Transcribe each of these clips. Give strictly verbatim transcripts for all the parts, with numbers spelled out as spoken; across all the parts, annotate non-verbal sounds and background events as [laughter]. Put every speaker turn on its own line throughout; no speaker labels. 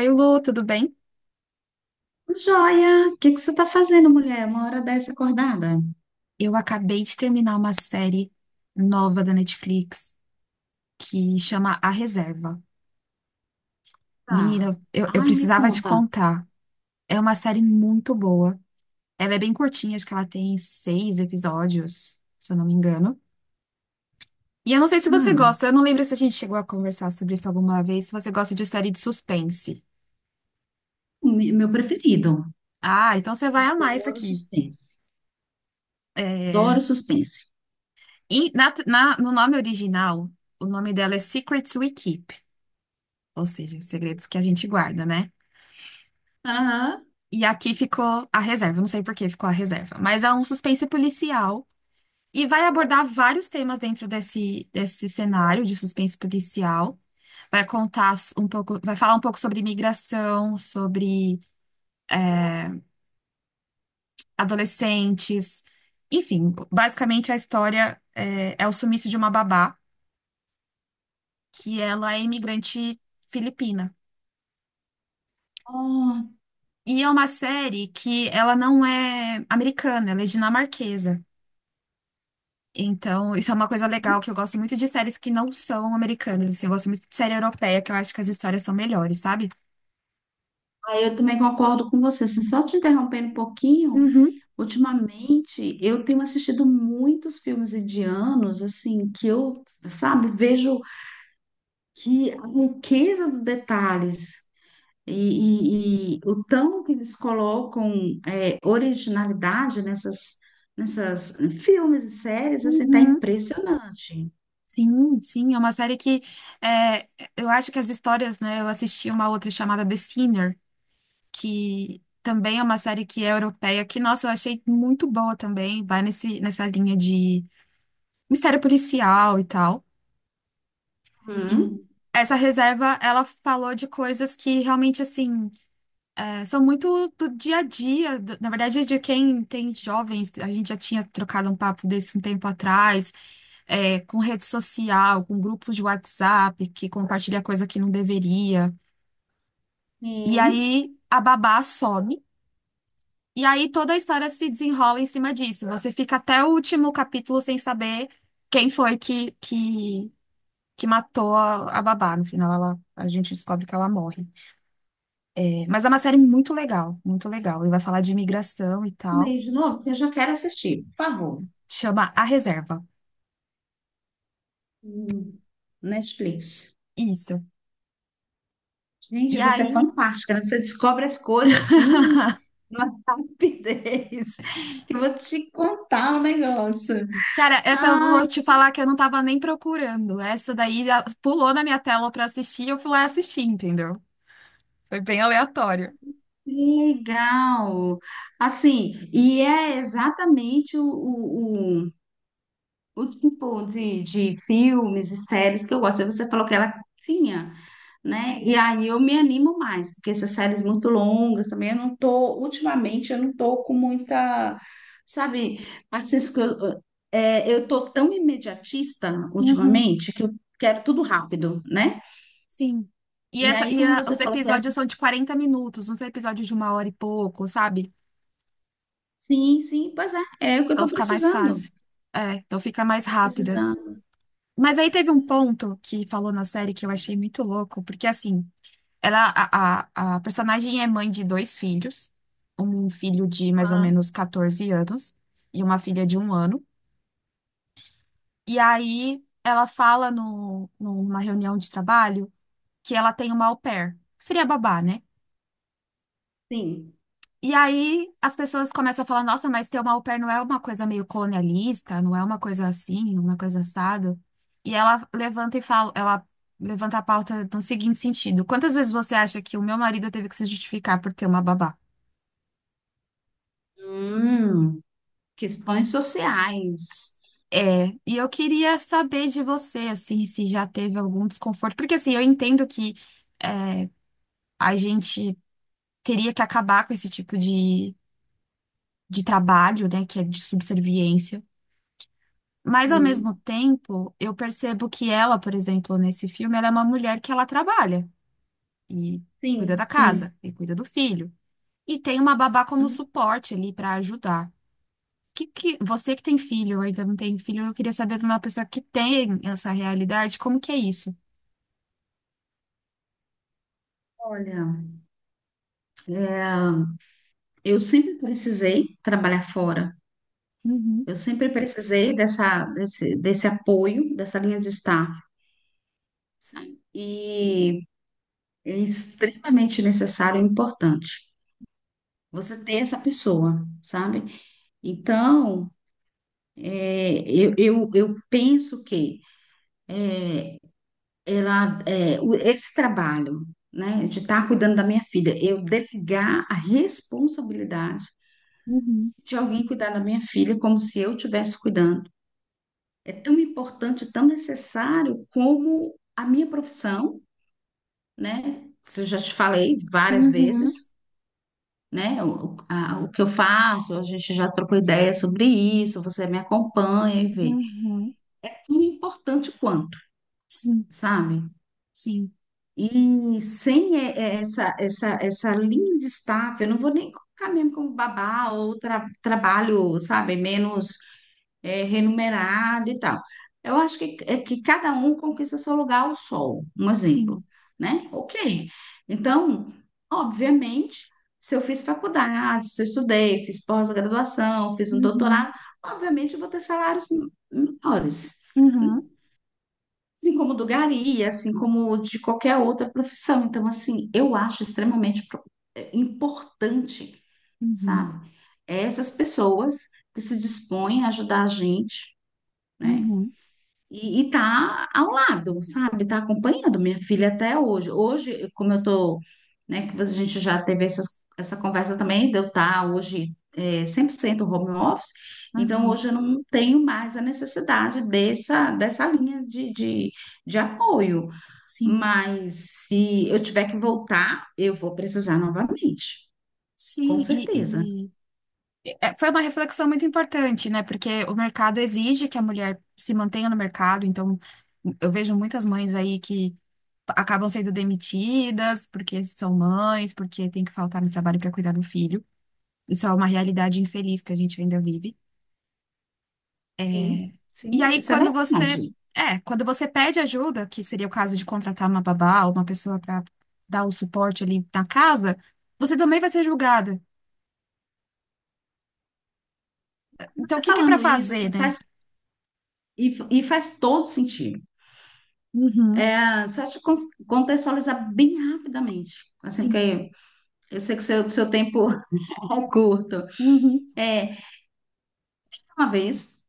Oi, Lu, tudo bem?
Joia, o que que você está fazendo, mulher? Uma hora dessa acordada?
Eu acabei de terminar uma série nova da Netflix que chama A Reserva.
Tá.
Menina, eu, eu
Ai, me
precisava te
conta.
contar. É uma série muito boa. Ela é bem curtinha, acho que ela tem seis episódios, se eu não me engano. E eu não sei se você
Hum,
gosta, eu não lembro se a gente chegou a conversar sobre isso alguma vez, se você gosta de série de suspense.
me- meu preferido.
Ah, então você vai amar isso
Adoro
aqui.
suspense.
É,
Adoro suspense.
e na- na- no nome original, o nome dela é Secrets We Keep, ou seja, segredos que a gente guarda, né?
Aham.
E aqui ficou a reserva, eu não sei por que ficou a reserva, mas é um suspense policial e vai abordar vários temas dentro desse, desse cenário de suspense policial. Vai contar um pouco, vai falar um pouco sobre imigração, sobre adolescentes, enfim, basicamente a história é, é o sumiço de uma babá, que ela é imigrante filipina.
Ó.
E é uma série que ela não é americana, ela é dinamarquesa. Então, isso é uma coisa legal que eu gosto muito de séries que não são americanas, assim, eu gosto muito de série europeia, que eu acho que as histórias são melhores, sabe?
Aí eu também concordo com você. Assim, só te interrompendo um pouquinho,
Uhum,
ultimamente eu tenho assistido muitos filmes indianos, assim, que eu, sabe, vejo que a riqueza dos detalhes. E, e- e o tão que eles colocam é, originalidade nessas, nessas filmes e séries, assim, tá
uhum.
impressionante.
Sim, sim, é uma série que é, eu acho que as histórias, né? Eu assisti uma outra chamada The Sinner, que também é uma série que é europeia, que, nossa, eu achei muito boa também, vai nesse, nessa linha de mistério policial e tal. E
Hum,
essa reserva, ela falou de coisas que realmente, assim. É, são muito do dia a dia, do- na verdade, de quem tem jovens, a gente já tinha trocado um papo desse um tempo atrás, é, com rede social, com grupos de WhatsApp, que compartilha coisa que não deveria. E
sim.
aí a babá some, e aí toda a história se desenrola em cima disso. Você fica até o último capítulo sem saber quem foi que, que, que matou a, a babá. No final, ela, a gente descobre que ela morre. É, mas é uma série muito legal, muito legal. Ele vai falar de imigração e
Comi
tal.
de novo, porque eu já quero assistir, por favor.
Chama A Reserva.
Hum, Netflix.
Isso.
Gente,
E
você é
aí,
fantástica, né? Você descobre as coisas assim,
[laughs]
numa [laughs] rapidez, que eu vou te contar o negócio.
cara, essa eu
Ah.
vou te falar que eu não tava nem procurando. Essa daí já pulou na minha tela pra assistir e eu fui lá assistir, entendeu? Foi bem aleatório.
Legal. Assim, e é exatamente o, o, o, o tipo de, de filmes e séries que eu gosto. Você falou que ela tinha, né? E aí eu me animo mais, porque essas séries muito longas também, eu não tô, ultimamente, eu não tô com muita, sabe, Francisco, eu, é, eu tô tão imediatista
Uhum,
ultimamente que eu quero tudo rápido, né?
sim. E,
E
essa,
aí,
e
como
ah,
você
os
falou que essa,
episódios são de quarenta minutos, uns episódios de uma hora e pouco, sabe?
sim, sim, pois é, é o que eu
Então
tô
fica mais
precisando.
fácil. É, então fica
Eu
mais
tô
rápida.
precisando.
Mas aí teve um ponto que falou na série que eu achei muito louco, porque assim. Ela, a, a, a personagem é mãe de dois filhos, um filho de mais ou
Ah,
menos catorze anos e uma filha de um ano. E aí ela fala no, numa reunião de trabalho que ela tem uma au pair, que seria babá, né?
sim.
E aí as pessoas começam a falar, nossa, mas ter uma au pair não é uma coisa meio colonialista, não é uma coisa assim, uma coisa assada. E ela levanta e fala, ela levanta a pauta no seguinte sentido: quantas vezes você acha que o meu marido teve que se justificar por ter uma babá?
Hum, questões sociais.
E eu queria saber de você, assim, se já teve algum desconforto, porque assim, eu entendo que é, a gente teria que acabar com esse tipo de, de trabalho, né, que é de subserviência, mas ao mesmo
Hum,
tempo, eu percebo que ela, por exemplo, nesse filme, ela é uma mulher que ela trabalha e cuida
sim.
da
Sim.
casa e cuida do filho, e tem uma babá como
Hum.
suporte ali para ajudar. Que, que, você que tem filho, ou ainda não tem filho, eu queria saber de uma pessoa que tem essa realidade, como que é isso?
Olha, é, eu sempre precisei trabalhar fora.
Uhum.
Eu sempre precisei dessa, desse, desse apoio, dessa linha de estar, sabe? E é extremamente necessário e importante você ter essa pessoa, sabe? Então, é, eu, eu, eu penso que ela é, o- esse trabalho, né, de estar cuidando da minha filha, eu delegar a responsabilidade
Uhum,
de alguém cuidar da minha filha como se eu estivesse cuidando. É tão importante, tão necessário como a minha profissão, né? Isso eu já te falei várias
uhum,
vezes, né? O, a- o que eu faço, a gente já trocou ideia sobre isso, você me acompanha e vê.
uhum.
É tão importante quanto,
Sim,
sabe?
sim,
E sem e- e- essa, essa, essa linha de staff, eu não vou nem colocar mesmo como babá ou tra- trabalho, sabe, menos eh, remunerado e tal. Eu acho que, é que cada um conquista seu lugar ao sol, um exemplo,
sim.
né? Ok. Então, obviamente, se eu fiz faculdade, se eu estudei, fiz pós-graduação, fiz um
Uhum,
doutorado, obviamente eu vou ter salários menores,
uhum,
assim como do gari, assim como de qualquer outra profissão. Então, assim, eu acho extremamente pro- eh, importante,
uhum,
sabe? Essas pessoas que se dispõem a ajudar a gente, né?
uhum,
E, e tá ao lado, sabe? Tá acompanhando minha filha até hoje. Hoje, como eu tô, né, que a gente já teve essas, essa conversa também, de eu tá hoje eh, cem por cento home office, então
uhum.
hoje eu não tenho mais a necessidade dessa, dessa linha de, de- de apoio.
Sim,
Mas se eu tiver que voltar, eu vou precisar novamente, com
sim. E,
certeza.
e- é, foi uma reflexão muito importante, né? Porque o mercado exige que a mulher se mantenha no mercado. Então, eu vejo muitas mães aí que acabam sendo demitidas porque são mães, porque tem que faltar no trabalho para cuidar do filho. Isso é uma realidade infeliz que a gente ainda vive. É,
Sim,
e
sim,
aí,
isso é
quando você,
verdade.
é, quando você pede ajuda, que seria o caso de contratar uma babá ou uma pessoa para dar o suporte ali na casa, você também vai ser julgada. Então, o
Você
que que é para
falando isso,
fazer,
assim,
né?
faz, e, e faz todo sentido.
Uhum,
Ah, só te cons- contextualizar bem rapidamente, assim,
sim.
porque eu sei que seu, seu tempo [laughs] é curto.
Uhum,
É, uma vez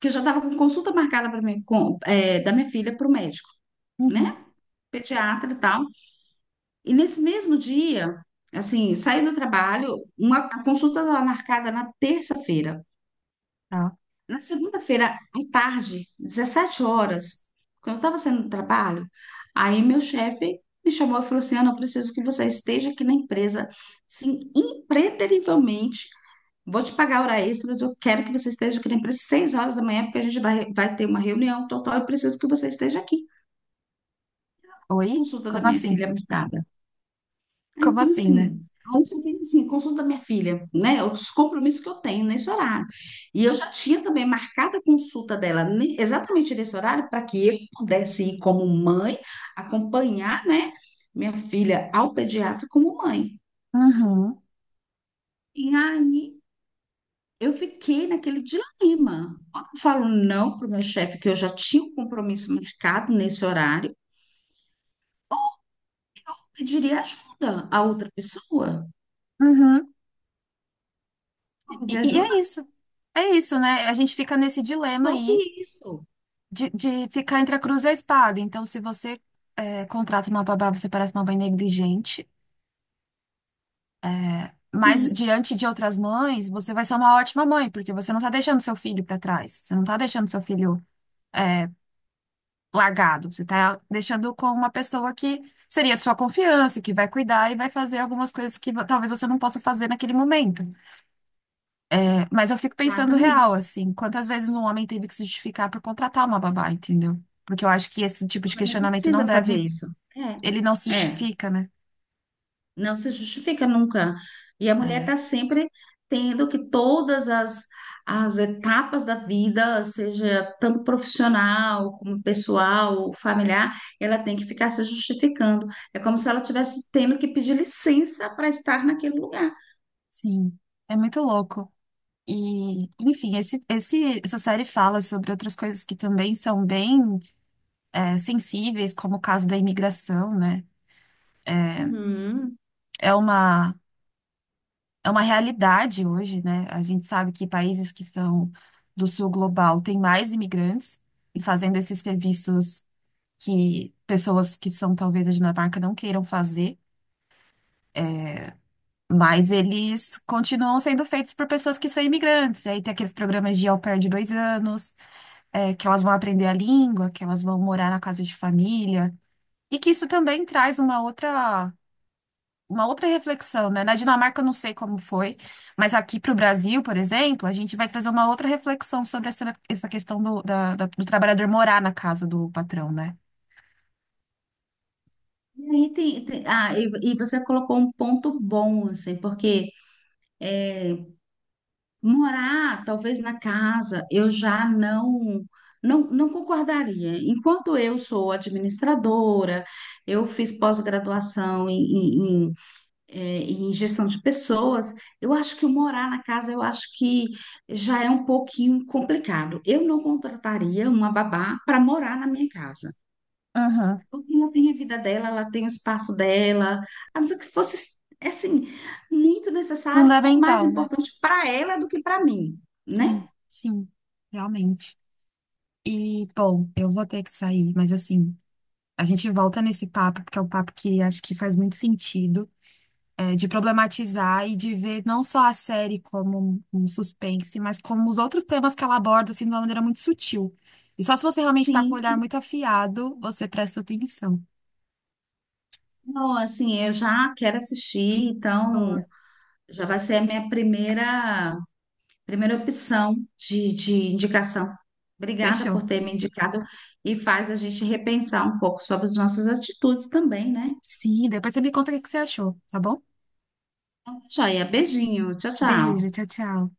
que eu já estava com consulta marcada para mim, com, é, da minha filha para o médico,
uhum.
né? Pediatra e tal. E nesse mesmo dia, assim, saí do trabalho, uma, a consulta estava marcada na terça-feira.
Tá.
Na segunda-feira, à tarde, dezessete horas, quando eu estava saindo do trabalho, aí meu chefe me chamou e falou assim, Ana, eu preciso que você esteja aqui na empresa, sim, impreterivelmente, vou te pagar hora extra, mas eu quero que você esteja aqui na empresa às seis horas da manhã, porque a gente vai, vai ter uma reunião total, eu preciso que você esteja aqui.
Oi?
Consulta da
Como
minha
assim?
filha marcada. Aí,
Como
como
assim, né?
assim? Aí só tem assim, consulta da minha filha, né? Os compromissos que eu tenho nesse horário. E eu já tinha também marcado a consulta dela ne- exatamente nesse horário para que eu pudesse ir como mãe, acompanhar, né, minha filha ao pediatra como mãe.
Uhum,
E aí eu fiquei naquele dilema. Ou eu falo não para o meu chefe, que eu já tinha um compromisso marcado nesse horário, eu pediria ajuda a outra pessoa.
uhum.
Eu
E,
pediria
e é
ajuda
isso. É isso, né? A gente fica nesse dilema aí
sobre isso.
de, de ficar entre a cruz e a espada. Então, se você é, contrata uma babá, você parece uma mãe negligente. Mas
Sim,
diante de outras mães, você vai ser uma ótima mãe, porque você não está deixando seu filho para trás, você não está deixando seu filho é, largado, você está deixando com uma pessoa que seria de sua confiança, que vai cuidar e vai fazer algumas coisas que vo- talvez você não possa fazer naquele momento. É, mas eu fico pensando real,
exatamente.
assim, quantas vezes um homem teve que se justificar por contratar uma babá, entendeu? Porque eu acho que esse tipo
O
de
governo
questionamento não
precisa fazer
deve,
isso.
ele não se
É, é.
justifica, né?
Não se justifica nunca. E a mulher
É,
está sempre tendo que todas as, as etapas da vida, seja tanto profissional como pessoal, familiar, ela tem que ficar se justificando. É como se ela tivesse tendo que pedir licença para estar naquele lugar.
sim, é muito louco. E, enfim, esse, esse- essa série fala sobre outras coisas que também são bem é, sensíveis, como o caso da imigração, né?
Uhum.
É uma, é uma realidade hoje, né? A gente sabe que países que são do sul global têm mais imigrantes e fazendo esses serviços que pessoas que são talvez da Dinamarca não queiram fazer, mas eles continuam sendo feitos por pessoas que são imigrantes. E aí tem aqueles programas de au pair de dois anos. É, que elas vão aprender a língua, que elas vão morar na casa de família, e que isso também traz uma outra, uma outra reflexão, né? Na Dinamarca eu não sei como foi, mas aqui para o Brasil, por exemplo, a gente vai trazer uma outra reflexão sobre essa, essa questão do, da- da- do trabalhador morar na casa do patrão, né?
E aí tem, tem- ah, e, e você colocou um ponto bom, assim, porque morar, talvez na casa, eu já não, não, não concordaria. Enquanto eu sou administradora, eu fiz pós-graduação em, em, em, eh, em gestão de pessoas, eu acho que o morar na casa, eu acho que já é um pouquinho complicado. Eu não contrataria uma babá para morar na minha casa.
Uhum.
Porque ela tem a vida dela, ela tem o espaço dela, a não ser que fosse, assim, muito necessário ou mais
Fundamental, né?
importante para ela do que para mim,
Sim,
né?
sim, realmente. E, bom, eu vou ter que sair, mas assim, a gente volta nesse papo, porque é um papo que acho que faz muito sentido. É, de problematizar e de ver não só a série como um um suspense, mas como os outros temas que ela aborda, assim, de uma maneira muito sutil. E só se você realmente está com
Sim,
o olhar
sim.
muito afiado, você presta atenção.
Não, assim, eu já quero assistir,
Boa.
então já vai ser a minha primeira, primeira opção de, de indicação. Obrigada por
Fechou?
ter me indicado e faz a gente repensar um pouco sobre as nossas atitudes também, né?
Sim, depois você me conta o que que você achou, tá bom?
Então, joia, beijinho, tchau, tchau.
Beijo, tchau, tchau.